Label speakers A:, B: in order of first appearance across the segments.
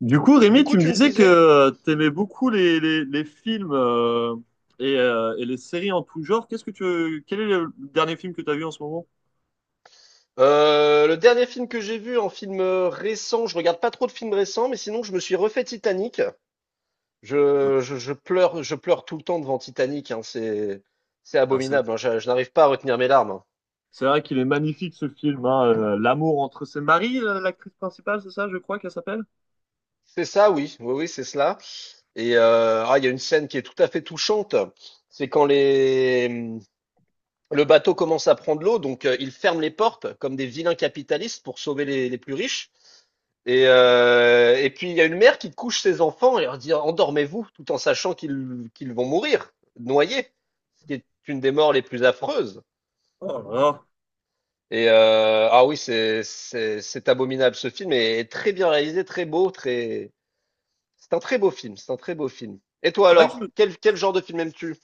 A: Du coup,
B: Du
A: Rémi, tu
B: coup,
A: me
B: tu me
A: disais
B: disais que
A: que tu aimais beaucoup les films et les séries en tout genre. Quel est le dernier film que tu as vu en ce moment?
B: le dernier film que j'ai vu en film récent, je regarde pas trop de films récents, mais sinon je me suis refait Titanic.
A: Euh,
B: Je pleure, je pleure tout le temps devant Titanic, hein, c'est
A: ah, c'est
B: abominable, hein, je n'arrive pas à retenir mes larmes, hein.
A: c'est vrai qu'il est magnifique ce film, hein, L'amour entre ses maris, l'actrice principale, c'est ça, je crois qu'elle s'appelle?
B: C'est ça, oui, oui, oui, c'est cela. Et il y a une scène qui est tout à fait touchante, c'est quand le bateau commence à prendre l'eau, donc ils ferment les portes comme des vilains capitalistes pour sauver les plus riches. Et puis il y a une mère qui couche ses enfants et leur dit endormez-vous tout en sachant qu'ils vont mourir noyés, ce qui est une des morts les plus affreuses.
A: Oh là là.
B: Et ah oui, c'est c'est abominable, ce film est, est très bien réalisé, très beau, très, c'est un très beau film, c'est un très beau film. Et toi
A: C'est vrai que je
B: alors,
A: me-
B: quel genre de film aimes-tu?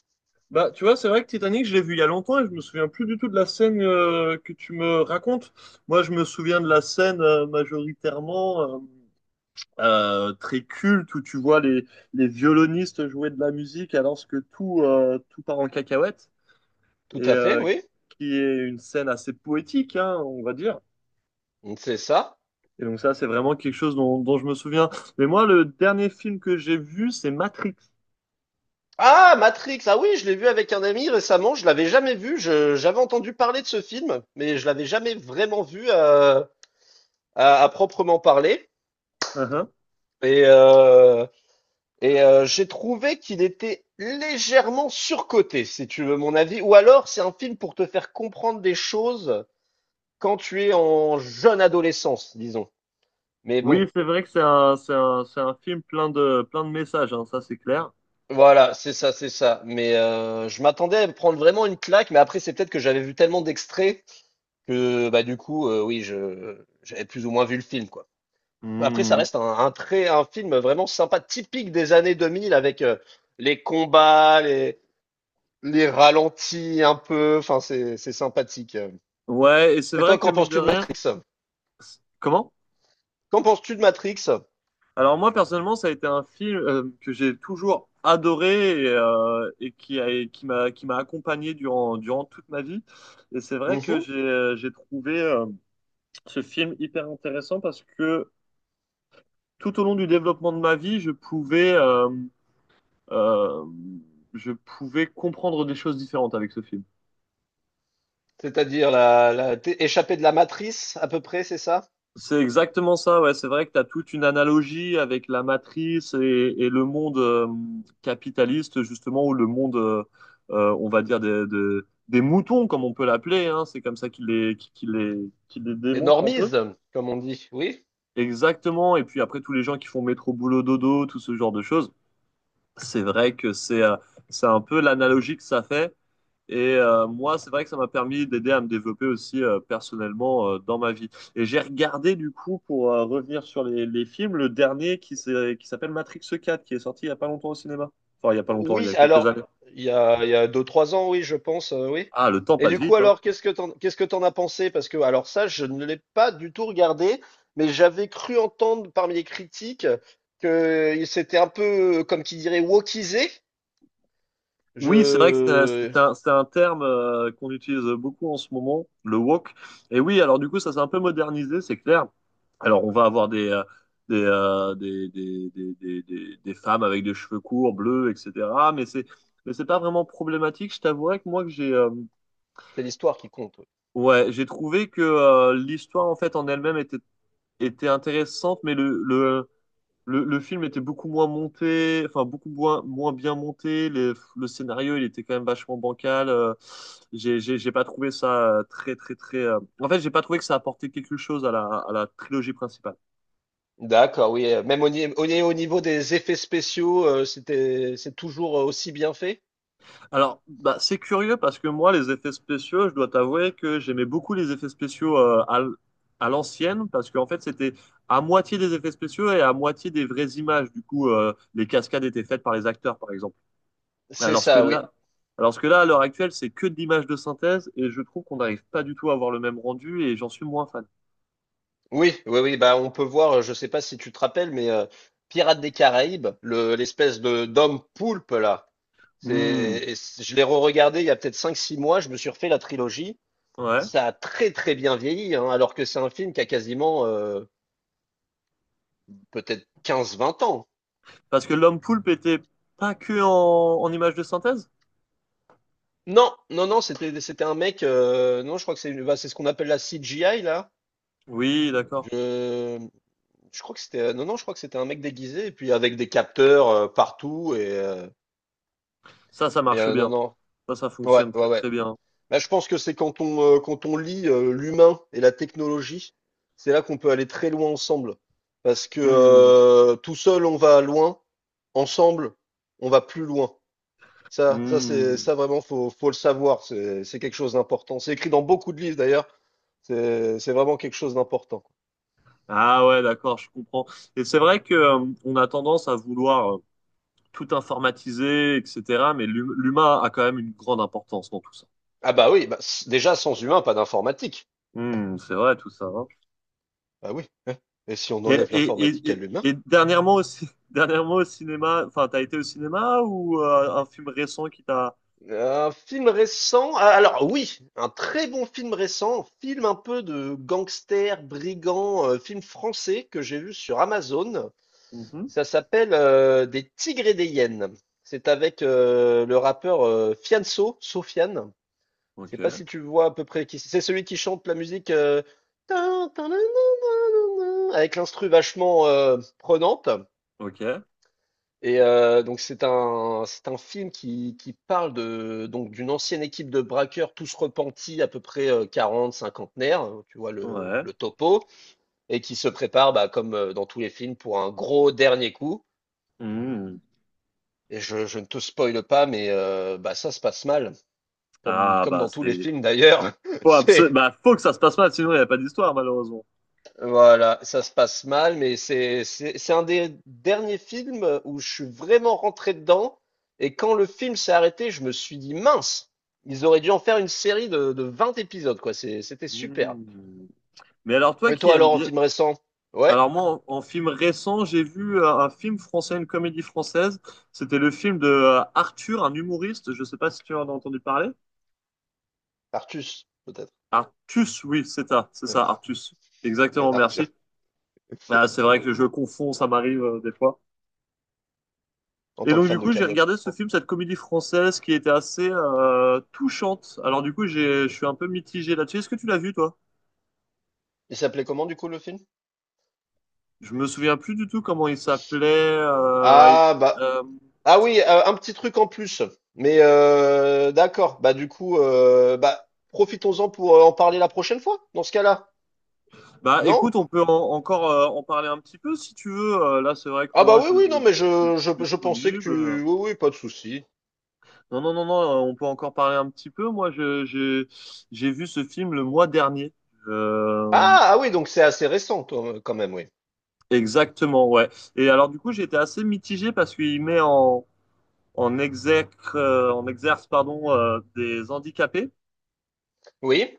A: Bah, tu vois, c'est vrai que Titanic, je l'ai vu il y a longtemps et je me souviens plus du tout de la scène que tu me racontes. Moi, je me souviens de la scène majoritairement. Très culte où tu vois les violonistes jouer de la musique alors que tout part en cacahuète et
B: Tout à fait, oui,
A: qui est une scène assez poétique, hein, on va dire.
B: c'est ça.
A: Et donc ça, c'est vraiment quelque chose dont je me souviens. Mais moi, le dernier film que j'ai vu, c'est Matrix.
B: Ah, Matrix, ah oui, je l'ai vu avec un ami récemment, je l'avais jamais vu, je j'avais entendu parler de ce film, mais je l'avais jamais vraiment vu, à proprement parler.
A: Uh-huh.
B: Et, euh, j'ai trouvé qu'il était légèrement surcoté, si tu veux mon avis. Ou alors, c'est un film pour te faire comprendre des choses quand tu es en jeune adolescence, disons. Mais bon,
A: Oui, c'est vrai que c'est un film plein de messages, hein, ça c'est clair.
B: voilà, c'est ça, c'est ça. Mais je m'attendais à me prendre vraiment une claque, mais après, c'est peut-être que j'avais vu tellement d'extraits que, bah, du coup, oui, j'avais plus ou moins vu le film, quoi. Après, ça
A: Hmm.
B: reste un film vraiment sympa, typique des années 2000 avec les combats, les ralentis un peu, enfin c'est sympathique.
A: Ouais, et c'est
B: Et
A: vrai
B: toi,
A: que
B: qu'en
A: mine de
B: penses-tu de
A: rien...
B: Matrix?
A: Comment?
B: Qu'en penses-tu de Matrix?
A: Alors moi personnellement, ça a été un film que j'ai toujours adoré et qui m'a accompagné durant toute ma vie. Et c'est vrai que
B: Mhm.
A: j'ai trouvé ce film hyper intéressant parce que tout au long du développement de ma vie, euh, je pouvais comprendre des choses différentes avec ce film.
B: C'est-à-dire la t'es échappé de la matrice à peu près, c'est ça?
A: C'est exactement ça, ouais. C'est vrai que tu as toute une analogie avec la matrice et le monde capitaliste, justement, ou le monde, on va dire, des moutons, comme on peut l'appeler, hein. C'est comme ça qu'il les
B: Des
A: démontre un peu.
B: normies, comme on dit. Oui?
A: Exactement. Et puis après, tous les gens qui font métro, boulot, dodo, tout ce genre de choses. C'est vrai que c'est un peu l'analogie que ça fait. Et moi, c'est vrai que ça m'a permis d'aider à me développer aussi personnellement dans ma vie. Et j'ai regardé du coup, pour revenir sur les films, le dernier qui s'appelle Matrix 4, qui est sorti il y a pas longtemps au cinéma. Enfin, il y a pas longtemps, il y
B: Oui,
A: a quelques
B: alors
A: années.
B: il y a deux trois ans, oui, je pense, oui.
A: Ah, le temps
B: Et
A: passe
B: du coup,
A: vite, hein.
B: alors qu'est-ce que t'en as pensé? Parce que alors ça, je ne l'ai pas du tout regardé, mais j'avais cru entendre parmi les critiques que c'était un peu comme qui dirait wokisé.
A: Oui, c'est vrai que c'est
B: Je
A: c'est un, c'est un terme qu'on utilise beaucoup en ce moment, le woke. Et oui, alors du coup, ça s'est un peu modernisé, c'est clair. Alors, on va avoir des, euh, des, des, des, des femmes avec des cheveux courts, bleus, etc. Mais c'est, mais c'est pas vraiment problématique. Je t'avouerais que moi,
B: C'est l'histoire qui compte, oui.
A: ouais, j'ai trouvé que l'histoire en fait en elle-même était intéressante, mais le film était beaucoup moins monté, enfin beaucoup moins bien monté. Le scénario, il était quand même vachement bancal. J'ai pas trouvé ça très, très, très. En fait, j'ai pas trouvé que ça apportait quelque chose à la trilogie principale.
B: D'accord, oui. Même au, au niveau des effets spéciaux, c'était, c'est toujours aussi bien fait?
A: Alors, bah, c'est curieux parce que moi, les effets spéciaux, je dois t'avouer que j'aimais beaucoup les effets spéciaux à l'ancienne parce qu'en fait, c'était à moitié des effets spéciaux et à moitié des vraies images. Du coup, les cascades étaient faites par les acteurs, par exemple.
B: C'est
A: Alors que
B: ça, oui.
A: là, alors que là, à l'heure actuelle, c'est que de l'image de synthèse et je trouve qu'on n'arrive pas du tout à avoir le même rendu et j'en suis moins fan.
B: Oui, oui, oui. Bah, on peut voir, je sais pas si tu te rappelles, Pirates des Caraïbes, l'espèce de d'homme poulpe, là.
A: Hmm.
B: Je l'ai re-regardé il y a peut-être cinq, six mois, je me suis refait la trilogie.
A: Ouais.
B: Ça a très très bien vieilli, hein, alors que c'est un film qui a quasiment peut-être quinze, vingt ans.
A: Parce que l'homme poulpe était pas que en image de synthèse?
B: Non, non, non, c'était un mec, non, je crois que c'est bah, c'est ce qu'on appelle la CGI, là.
A: Oui, d'accord.
B: Je, je crois que c'était. Non, non, je crois que c'était un mec déguisé, et puis avec des capteurs partout.
A: Ça marche
B: Non,
A: bien.
B: non.
A: Ça
B: Ouais,
A: fonctionne
B: ouais,
A: très
B: ouais.
A: très bien.
B: Là, je pense que c'est quand on, quand on lie l'humain et la technologie, c'est là qu'on peut aller très loin ensemble. Parce que
A: Hmm.
B: euh, tout seul, on va loin. Ensemble, on va plus loin. Ça, ça, c'est,
A: Hmm.
B: ça vraiment, faut le savoir. C'est quelque chose d'important. C'est écrit dans beaucoup de livres, d'ailleurs. C'est vraiment quelque chose d'important.
A: Ah ouais, d'accord, je comprends. Et c'est vrai que on a tendance à vouloir tout informatiser, etc. Mais l'humain a quand même une grande importance dans tout ça.
B: Ah bah oui, bah, déjà, sans humain, pas d'informatique.
A: Hmm, c'est vrai tout ça. Hein.
B: Ah oui, hein. Et si on
A: Et,
B: enlève
A: et, et,
B: l'informatique à
A: et-
B: l'humain?
A: et dernièrement aussi, dernièrement au cinéma, enfin, t'as été au cinéma ou un film récent qui t'a.
B: Un film récent? Ah, alors oui, un très bon film récent, film un peu de gangster, brigand, film français que j'ai vu sur Amazon.
A: Mhm.
B: Ça s'appelle Des tigres et des hyènes. C'est avec le rappeur Fianso, Sofiane. Je sais
A: Ok,
B: pas si tu vois à peu près qui c'est. C'est celui qui chante la musique tin, tin, nan, nan, nan, nan, nan, avec l'instru vachement prenante.
A: ok,
B: Et donc c'est un film qui parle de donc d'une ancienne équipe de braqueurs tous repentis à peu près 40 cinquantenaires, hein, tu vois
A: ouais.
B: le topo et qui se prépare bah, comme dans tous les films pour un gros dernier coup,
A: Mhm.
B: et je ne te spoile pas mais bah ça se passe mal comme
A: Ah,
B: comme
A: bah,
B: dans tous les
A: c'est.
B: films d'ailleurs. C'est,
A: Bah, faut que ça se passe mal, sinon il n'y a pas d'histoire, malheureusement.
B: voilà, ça se passe mal, mais c'est un des derniers films où je suis vraiment rentré dedans. Et quand le film s'est arrêté, je me suis dit mince, ils auraient dû en faire une série de 20 épisodes, quoi. C'était super.
A: Mhm. Mais alors, toi
B: Et
A: qui
B: toi
A: aimes
B: alors, en
A: bien.
B: film récent? Ouais,
A: Alors, moi, en film récent, j'ai vu un film français, une comédie française. C'était le film de Arthur, un humoriste. Je sais pas si tu en as entendu parler.
B: Artus, peut-être.
A: Artus, oui, c'est ça,
B: Ouais,
A: Artus.
B: mais
A: Exactement,
B: Arthur,
A: merci. Ah, c'est vrai que je confonds, ça m'arrive des fois.
B: en
A: Et
B: tant que
A: donc du
B: fan de
A: coup, j'ai
B: Camelot, je
A: regardé ce
B: comprends.
A: film, cette comédie française qui était assez touchante. Alors du coup, je suis un peu mitigé là-dessus. Est-ce que tu l'as vu, toi?
B: Il s'appelait comment du coup le film?
A: Je me souviens plus du tout comment il s'appelait.
B: Ah bah
A: Euh,
B: ah oui, un petit truc en plus. Mais d'accord, bah du coup, bah profitons-en pour en parler la prochaine fois, dans ce cas-là.
A: bah,
B: Non?
A: écoute, on peut encore en parler un petit peu si tu veux. Là, c'est vrai que
B: Ah bah
A: moi, je,
B: oui, oui, non, mais
A: je suis
B: je pensais que
A: disponible.
B: tu... Oui, oui, pas de souci.
A: Non, non, non, non. On peut encore parler un petit peu. Moi, j'ai vu ce film le mois dernier. Euh,
B: Ah, ah oui, donc c'est assez récent, toi, quand même, oui.
A: Exactement, ouais. Et alors du coup, j'ai été assez mitigé parce qu'il met en exerce, en exerce pardon, des handicapés.
B: Oui.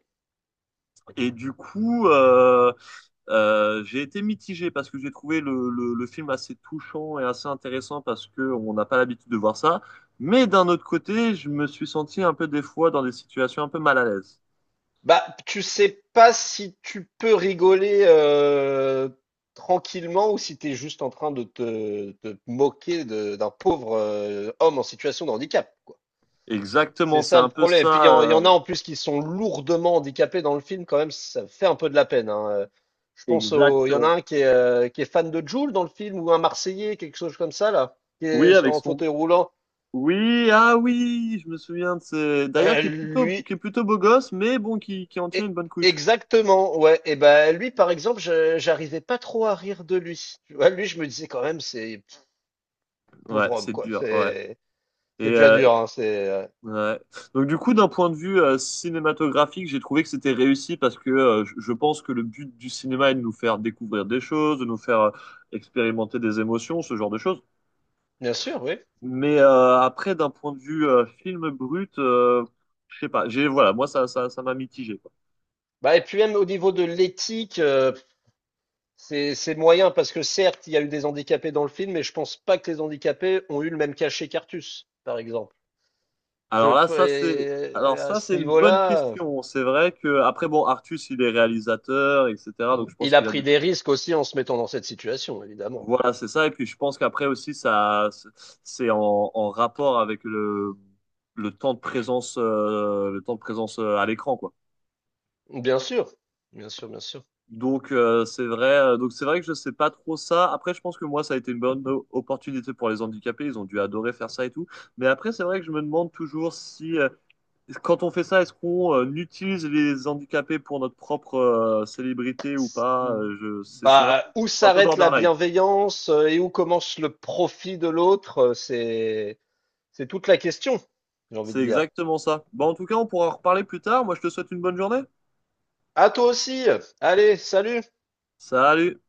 A: Et du coup, j'ai été mitigé parce que j'ai trouvé le film assez touchant et assez intéressant parce que on n'a pas l'habitude de voir ça. Mais d'un autre côté, je me suis senti un peu des fois dans des situations un peu mal à l'aise.
B: Bah, tu sais pas si tu peux rigoler tranquillement ou si t'es juste en train de de te moquer d'un pauvre homme en situation de handicap, quoi. C'est
A: Exactement, c'est
B: ça le
A: un peu
B: problème. Et puis
A: ça.
B: il y en a
A: euh,
B: en plus qui sont lourdement handicapés dans le film, quand même, ça fait un peu de la peine, hein. Je pense au, il y en a
A: exactement.
B: un qui est fan de Jul dans le film, ou un Marseillais, quelque chose comme ça, là, qui
A: Oui,
B: est
A: avec
B: en
A: son.
B: fauteuil roulant.
A: Oui, ah oui, je me souviens de ce... D'ailleurs,
B: Euh,
A: qui est plutôt,
B: lui,
A: qui est plutôt beau gosse, mais bon, qui en tient
B: e-
A: une bonne couche.
B: exactement, ouais. Et ben lui, par exemple, j'arrivais pas trop à rire de lui. Tu vois, lui, je me disais quand même, c'est
A: Ouais,
B: pauvre homme,
A: c'est
B: quoi.
A: dur, ouais. Et
B: C'est déjà
A: euh,
B: dur, hein.
A: ouais. Donc du coup, d'un point de vue cinématographique, j'ai trouvé que c'était réussi parce que je pense que le but du cinéma est de nous faire découvrir des choses, de nous faire expérimenter des émotions, ce genre de choses.
B: Bien sûr, oui.
A: Mais après, d'un point de vue film brut, je sais pas. J'ai Voilà, moi ça m'a mitigé.
B: Bah, et puis même au niveau de l'éthique, c'est moyen parce que certes, il y a eu des handicapés dans le film, mais je pense pas que les handicapés ont eu le même cachet qu'Artus, par exemple.
A: Alors là, ça c'est,
B: Et
A: alors
B: à
A: ça
B: ce
A: c'est une bonne
B: niveau-là,
A: question. C'est vrai que après bon, Artus il est réalisateur, etc. Donc je pense
B: il a
A: qu'il a
B: pris
A: de...
B: des risques aussi en se mettant dans cette situation, évidemment.
A: Voilà, c'est ça. Et puis je pense qu'après aussi ça, c'est en rapport avec le temps de présence, à l'écran quoi.
B: Bien sûr, bien sûr, bien sûr.
A: Donc c'est vrai que je sais pas trop ça. Après, je pense que moi ça a été une bonne opportunité pour les handicapés. Ils ont dû adorer faire ça et tout. Mais après, c'est vrai que je me demande toujours si Quand on fait ça, est-ce qu'on utilise les handicapés pour notre propre célébrité ou pas? C'est vraiment
B: Bah, où
A: c'est un peu
B: s'arrête la
A: borderline.
B: bienveillance et où commence le profit de l'autre, c'est toute la question, j'ai envie
A: C'est
B: de dire.
A: exactement ça. Bon, en tout cas, on pourra en reparler plus tard. Moi, je te souhaite une bonne journée.
B: À toi aussi. Allez, salut.
A: Salut!